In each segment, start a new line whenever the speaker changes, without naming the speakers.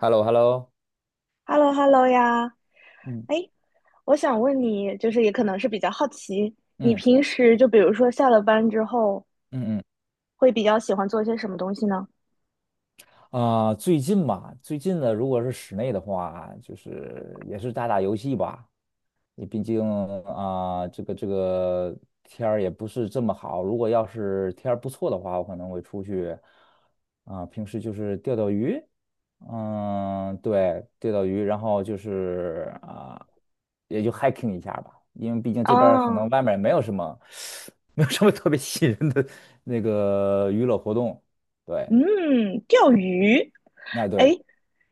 h e l l o h e l l o
hello hello 呀，
嗯
哎，我想问你，就是也可能是比较好奇，你
嗯
平时就比如说下了班之后，
嗯嗯
会比较喜欢做些什么东西呢？
最近嘛，最近呢，如果是室内的话，就是也是打打游戏吧。你毕竟这个天儿也不是这么好。如果要是天儿不错的话，我可能会出去平时就是钓钓鱼。嗯，对，钓钓鱼，然后就是也就 hiking 一下吧。因为毕竟
啊，
这边儿可能外面儿没有什么，没有什么特别吸引人的那个娱乐活动。对，
嗯，钓鱼。
那
哎，
对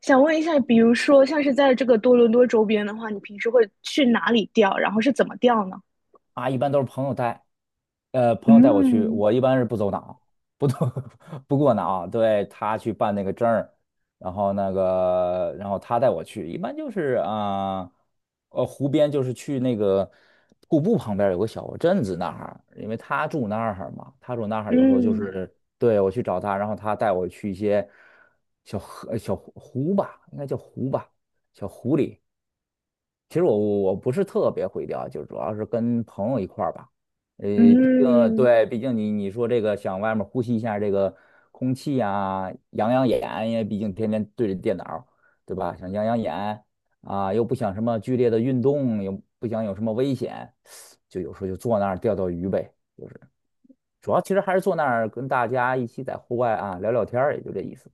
想问一下，比如说像是在这个多伦多周边的话，你平时会去哪里钓？然后是怎么钓呢？
啊，一般都是朋友带。朋友带我去，
嗯
我一般是不走脑，不走 不过脑，对，他去办那个证儿，然后那个，然后他带我去，一般就是啊，湖边就是去那个瀑布旁边有个小镇子那儿，因为他住那儿嘛，他住那儿有时候就
嗯
是对我去找他，然后他带我去一些小河、小湖湖吧，应该叫湖吧，小湖里。其实我不是特别会钓，就主要是跟朋友一块儿吧。呃，毕竟
嗯
对，毕竟你说这个想外面呼吸一下这个空气呀、养养眼，因为毕竟天天对着电脑，对吧？想养养眼啊，又不想什么剧烈的运动，又不想有什么危险，就有时候就坐那儿钓钓鱼呗。就是主要其实还是坐那儿跟大家一起在户外啊聊聊天儿也就这意思。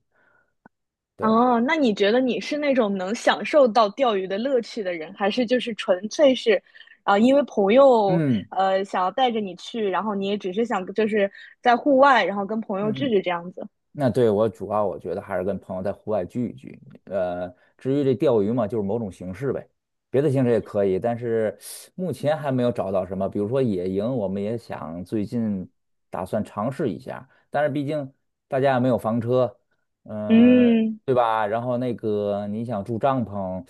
对，
哦，那你觉得你是那种能享受到钓鱼的乐趣的人，还是就是纯粹是，啊、因为朋友
嗯
想要带着你去，然后你也只是想就是在户外，然后跟朋友
嗯
聚
嗯
聚这样子？
那对我主要我觉得还是跟朋友在户外聚一聚。至于这钓鱼嘛，就是某种形式呗，别的形式也可以，但是目前还没有找到什么。比如说野营，我们也想最近打算尝试一下，但是毕竟大家也没有房车，嗯、
嗯，
对吧？然后那个你想住帐篷，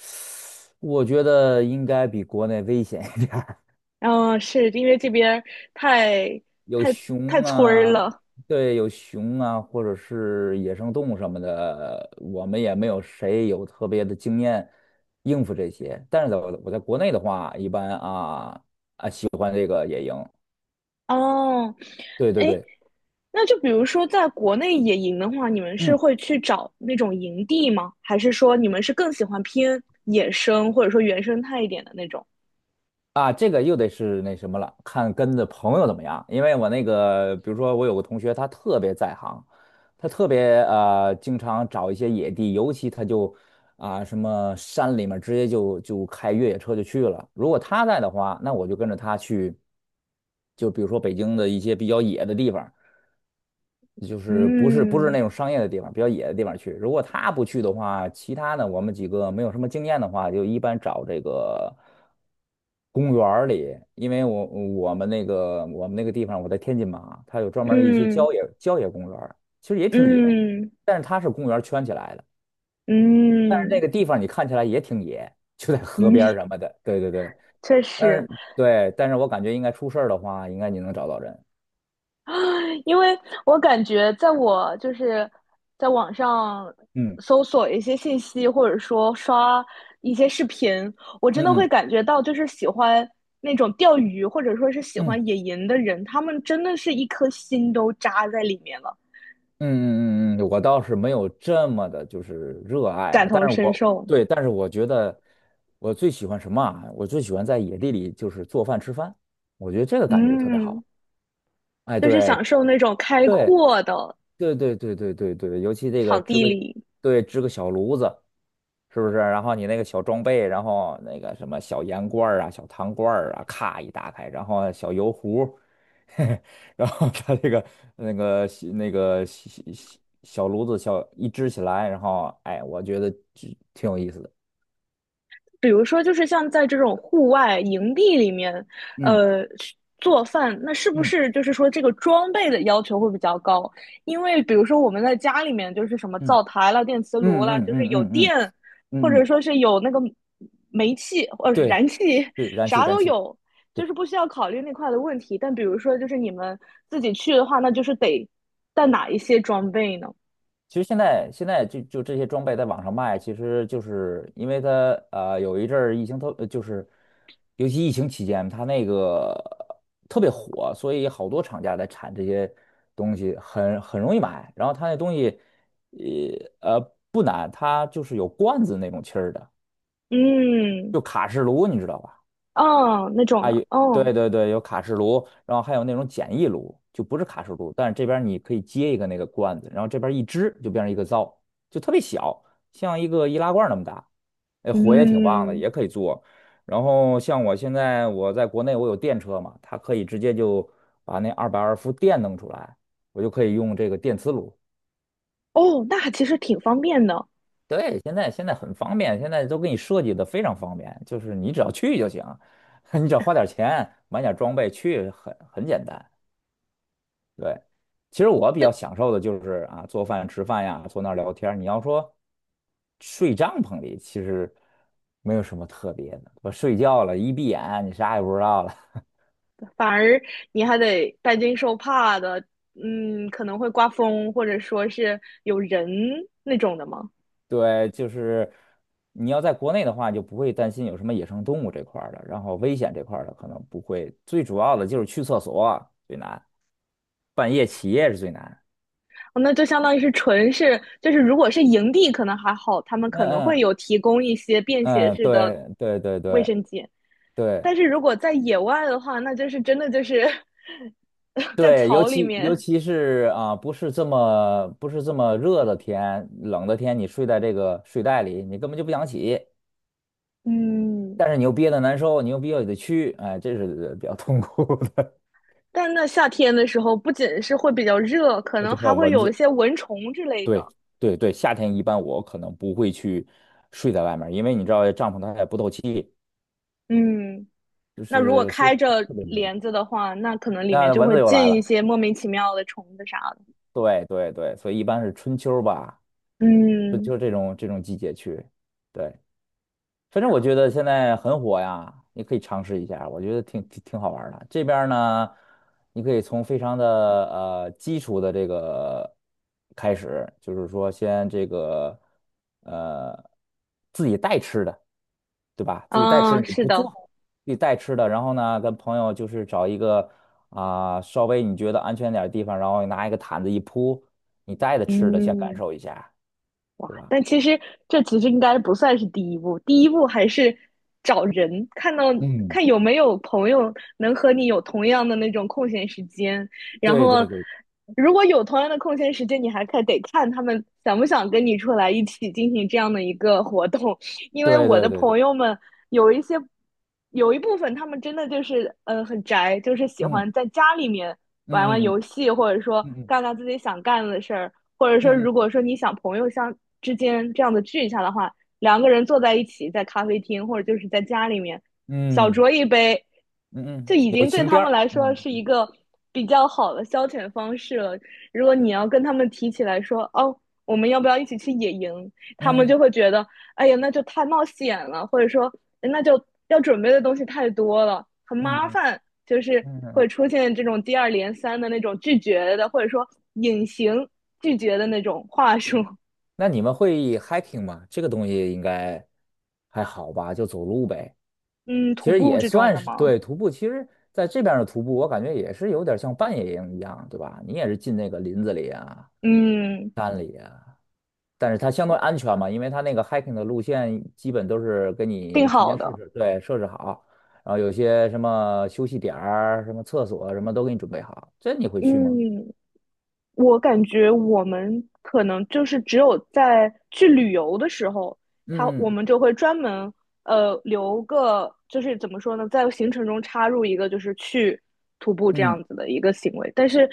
我觉得应该比国内危险一点。
嗯、是因为这边儿太
有
太太
熊
村儿
啊，
了。
对，有熊啊，或者是野生动物什么的，我们也没有谁有特别的经验应付这些。但是在我在国内的话，一般啊，
哦，
对对
哎，
对，
那就比如说在国内野营的话，你们是
嗯。
会去找那种营地吗？还是说你们是更喜欢偏野生或者说原生态一点的那种？
啊，这个又得是那什么了，看跟的朋友怎么样。因为我那个，比如说我有个同学，他特别在行，他特别经常找一些野地，尤其他就什么山里面直接就开越野车就去了。如果他在的话，那我就跟着他去，就比如说北京的一些比较野的地方，就是不是
嗯
那种商业的地方，比较野的地方去。如果他不去的话，其他呢，我们几个没有什么经验的话，就一般找这个公园儿里，因为我们那个我们那个地方，我在天津嘛，它有专门儿一些
嗯
郊野公园儿其实也挺野，
嗯
但是它是公园儿圈起来的，但是
嗯
那
嗯，
个地方你看起来也挺野，就在河边儿什 么的，对对对，
确
但
实，
是对，但是我感觉应该出事儿的话，应该你能找到人，
因为我感觉在我就是在网上
嗯
搜索一些信息，或者说刷一些视频，我真
嗯
的会
嗯
感觉到，就是喜欢那种钓鱼，或者说是喜
嗯。
欢野营的人，他们真的是一颗心都扎在里面了，
嗯嗯嗯嗯，我倒是没有这么的，就是热爱
感
吧。但
同
是
身
我
受。
对，但是我觉得我最喜欢什么啊？我最喜欢在野地里就是做饭吃饭，我觉得这个感觉特别
嗯，
好。哎，
就是
对
享受那种开
对
阔的
对对对对对对，尤其这个
场
支
地
个，
里。
对，支个小炉子，是不是？然后你那个小装备，然后那个什么小盐罐儿啊、小糖罐儿啊，咔一打开，然后小油壶，然后它这个那个小那个小小小炉子小一支起来，然后哎，我觉得就挺有意思的。
比如说，就是像在这种户外营地里面，
嗯
呃，做饭，那是不
嗯
是就是说这个装备的要求会比较高？因为比如说我们在家里面，就是什么
嗯
灶台了、电磁炉
嗯
了，
嗯嗯
就是有
嗯嗯嗯
电，或者
嗯，
说是有那个煤气或者
对，
燃气，
是燃气
啥
燃
都
气。对。
有，就是不需要考虑那块的问题。但比如说，就是你们自己去的话，那就是得带哪一些装备呢？
其实现在就这些装备在网上卖，其实就是因为它有一阵儿疫情就是尤其疫情期间，它那个特别火，所以好多厂家在产这些东西很容易买。然后它那东西不难，它就是有罐子那种气儿的，
嗯，
就卡式炉，你知道吧？
哦，那种的，哦，
对对对，有卡式炉，然后还有那种简易炉，就不是卡式炉，但是这边儿你可以接一个那个罐子，然后这边儿一支就变成一个灶，就特别小，像一个易拉罐儿那么大，哎，火也挺旺的，
嗯。
也可以做。然后像我现在我在国内我有电车嘛，它可以直接就把那220伏电弄出来，我就可以用这个电磁炉。
哦，那还其实挺方便的，
对，现在很方便，现在都给你设计的非常方便，就是你只要去就行，你只要花点钱买点装备去，很简单。对，其实我比
那
较享受的就是啊，做饭、吃饭呀，坐那儿聊天儿你要说睡帐篷里，其实没有什么特别的。我睡觉了，一闭眼，你啥也不知道了。
反而你还得担惊受怕的，嗯，可能会刮风，或者说是有人那种的吗？
对，就是你要在国内的话，就不会担心有什么野生动物这块儿的，然后危险这块儿的可能不会。最主要的就是去厕所最难，半夜起夜是最难。
哦，那就相当于是纯是，就是如果是营地可能还好，他们
嗯
可能会
嗯
有提供一些便携
嗯，
式的
对对对
卫
对
生间，
对，
但是如果在野外的话，那就是真的就是 在
对，尤
草里
其尤
面，
其是不是这么热的天，冷的天，你睡在这个睡袋里，你根本就不想起，
嗯。
但是你又憋得难受，你又憋得得屈，哎，这是比较痛苦的。
但那夏天的时候，不仅是会比较热，可
而
能
且还有
还会
蚊
有一
子，
些蚊虫之类
对
的。
对对，夏天一般我可能不会去睡在外面因为你知道帐篷它也不透气，
嗯，
就
那如果
是非
开着
特别闷。
帘子的话，那可能里面
那
就
蚊
会
子又来
进一
了，
些莫名其妙的虫子啥的。
对对对，所以一般是春秋吧，春
嗯，
秋这种季节去，对。反正我觉得现在很火呀，你可以尝试一下，我觉得挺好玩儿的。这边儿呢，你可以从非常的基础的这个开始，就是说先这个呃自己带吃的，对吧？自己带吃
啊，
的你
是
不做，
的，
自己带吃的，然后呢跟朋友就是找一个稍微你觉得安全点儿的地方，然后拿一个毯子一铺，你带着吃的先感
嗯。
受一下，对吧？
但其实这其实应该不算是第一步，第一步还是找人，看到
嗯，
看有没有朋友能和你有同样的那种空闲时间，然
对
后
对对
如果有同样的空闲时间，你还看得看他们想不想跟你出来一起进行这样的一个活动，因为
对
我的
对对对，
朋友们有一些有一部分他们真的就是很宅，就是喜
嗯
欢在家里面玩玩
嗯嗯
游戏，或者说
嗯。嗯
干干自己想干的事儿。或者说，如
嗯
果说你想朋友相之间这样子聚一下的话，两个人坐在一起，在咖啡厅或者就是在家里面小
嗯嗯
酌一杯，
嗯
就
嗯，
已
有
经对
情
他
调
们
儿，
来说
嗯
是一个比较好的消遣方式了。如果你要跟他们提起来说，哦，我们要不要一起去野营？他们
嗯
就会觉得，哎呀，那就太冒险了，或者说那就要准备的东西太多了，很麻
嗯
烦，就是
嗯。
会出现这种接二连三的那种拒绝的，或者说隐形拒绝的那种话术。
那你们会 hiking 吗？这个东西应该还好吧，就走路呗。
嗯，
其
徒
实
步
也
这种
算
的
是
吗？
对徒步。其实在这边儿的徒步，我感觉也是有点像半野营一样，对吧？你也是进那个林子里啊，
嗯，
但是它相对安全嘛，因为它那个 hiking 的路线基本都是给
定
你提
好
前设
的。
置，对，设置好，然后有些什么休息点儿、什么厕所什么都给你准备好。这你会去吗？
嗯，我感觉我们可能就是只有在去旅游的时候，他
嗯
我
嗯
们就会专门留个，就是怎么说呢，在行程中插入一个就是去徒步这
嗯
样子的一个行为。但是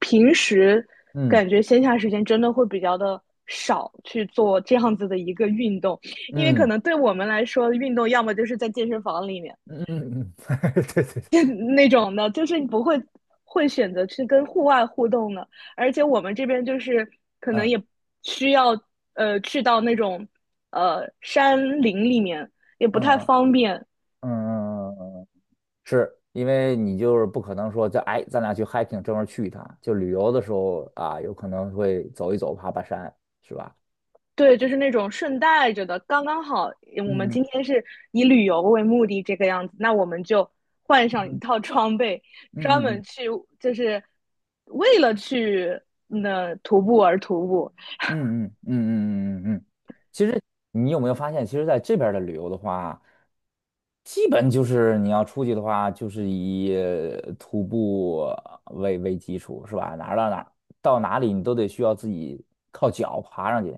平时
嗯
感觉闲暇时间真的会比较的少去做这样子的一个运动，因为可
嗯
能对我们来说，运动要么就是在健身房里面。
嗯嗯，嗯，对对对，
那种的，就是你不会会选择去跟户外互动的，而且我们这边就是可能
嗯
也需要去到那种山林里面，也不
嗯
太
嗯
方便。
嗯嗯，嗯嗯，是因为你就是不可能说，就哎，咱俩去 hiking 专门去一趟，就旅游的时候啊，有可能会走一走，爬爬山，是吧？
对，就是那种顺带着的，刚刚好。我们
嗯
今天是以旅游为目的这个样子，那我们就换上一套装备，专
嗯
门
嗯
去就是为了去那、徒步而徒步。
嗯嗯嗯嗯嗯嗯嗯嗯嗯。其实你有没有发现，其实在这边儿的旅游的话，基本就是你要出去的话，就是以徒步为基础，是吧？哪儿到哪儿，到哪里你都得需要自己靠脚爬上去。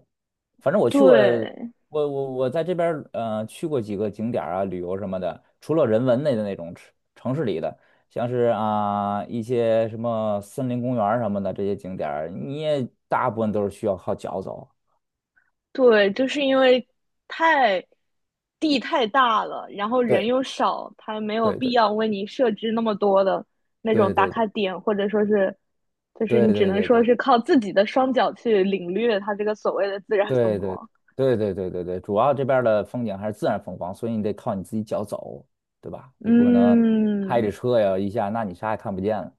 反正我去过，
对，
我在这边儿去过几个景点儿啊，旅游什么的，除了人文类的那种城市里的，像是一些什么森林公园儿什么的这些景点儿你也大部分都是需要靠脚走。
对，就是因为太地太大了，然后人
对
又少，他没有
对
必
对，
要为你设置那么多的那种
对
打
对对
卡点，或者说是，就是
对
你只
对
能
对对
说
对
是靠自己的双脚去领略它这个所谓的自然风
对对
光。
对对对对对，主要这边儿的风景还是自然风光，所以你得靠你自己脚走，对吧？你不可能开着
嗯，
车呀一下，那你啥也看不见了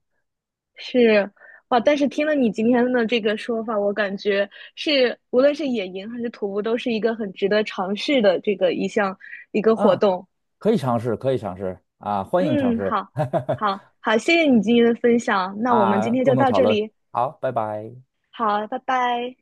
是哇，但是听了你今天的这个说法，我感觉是无论是野营还是徒步，都是一个很值得尝试的这个一个活
啊！
动。
可以尝试，可以尝试啊，欢迎尝
嗯，
试，
好，好，好，谢谢你今天的分享，那我们今
啊，
天就
共同
到
讨
这
论，
里，
好，拜拜。
好，拜拜。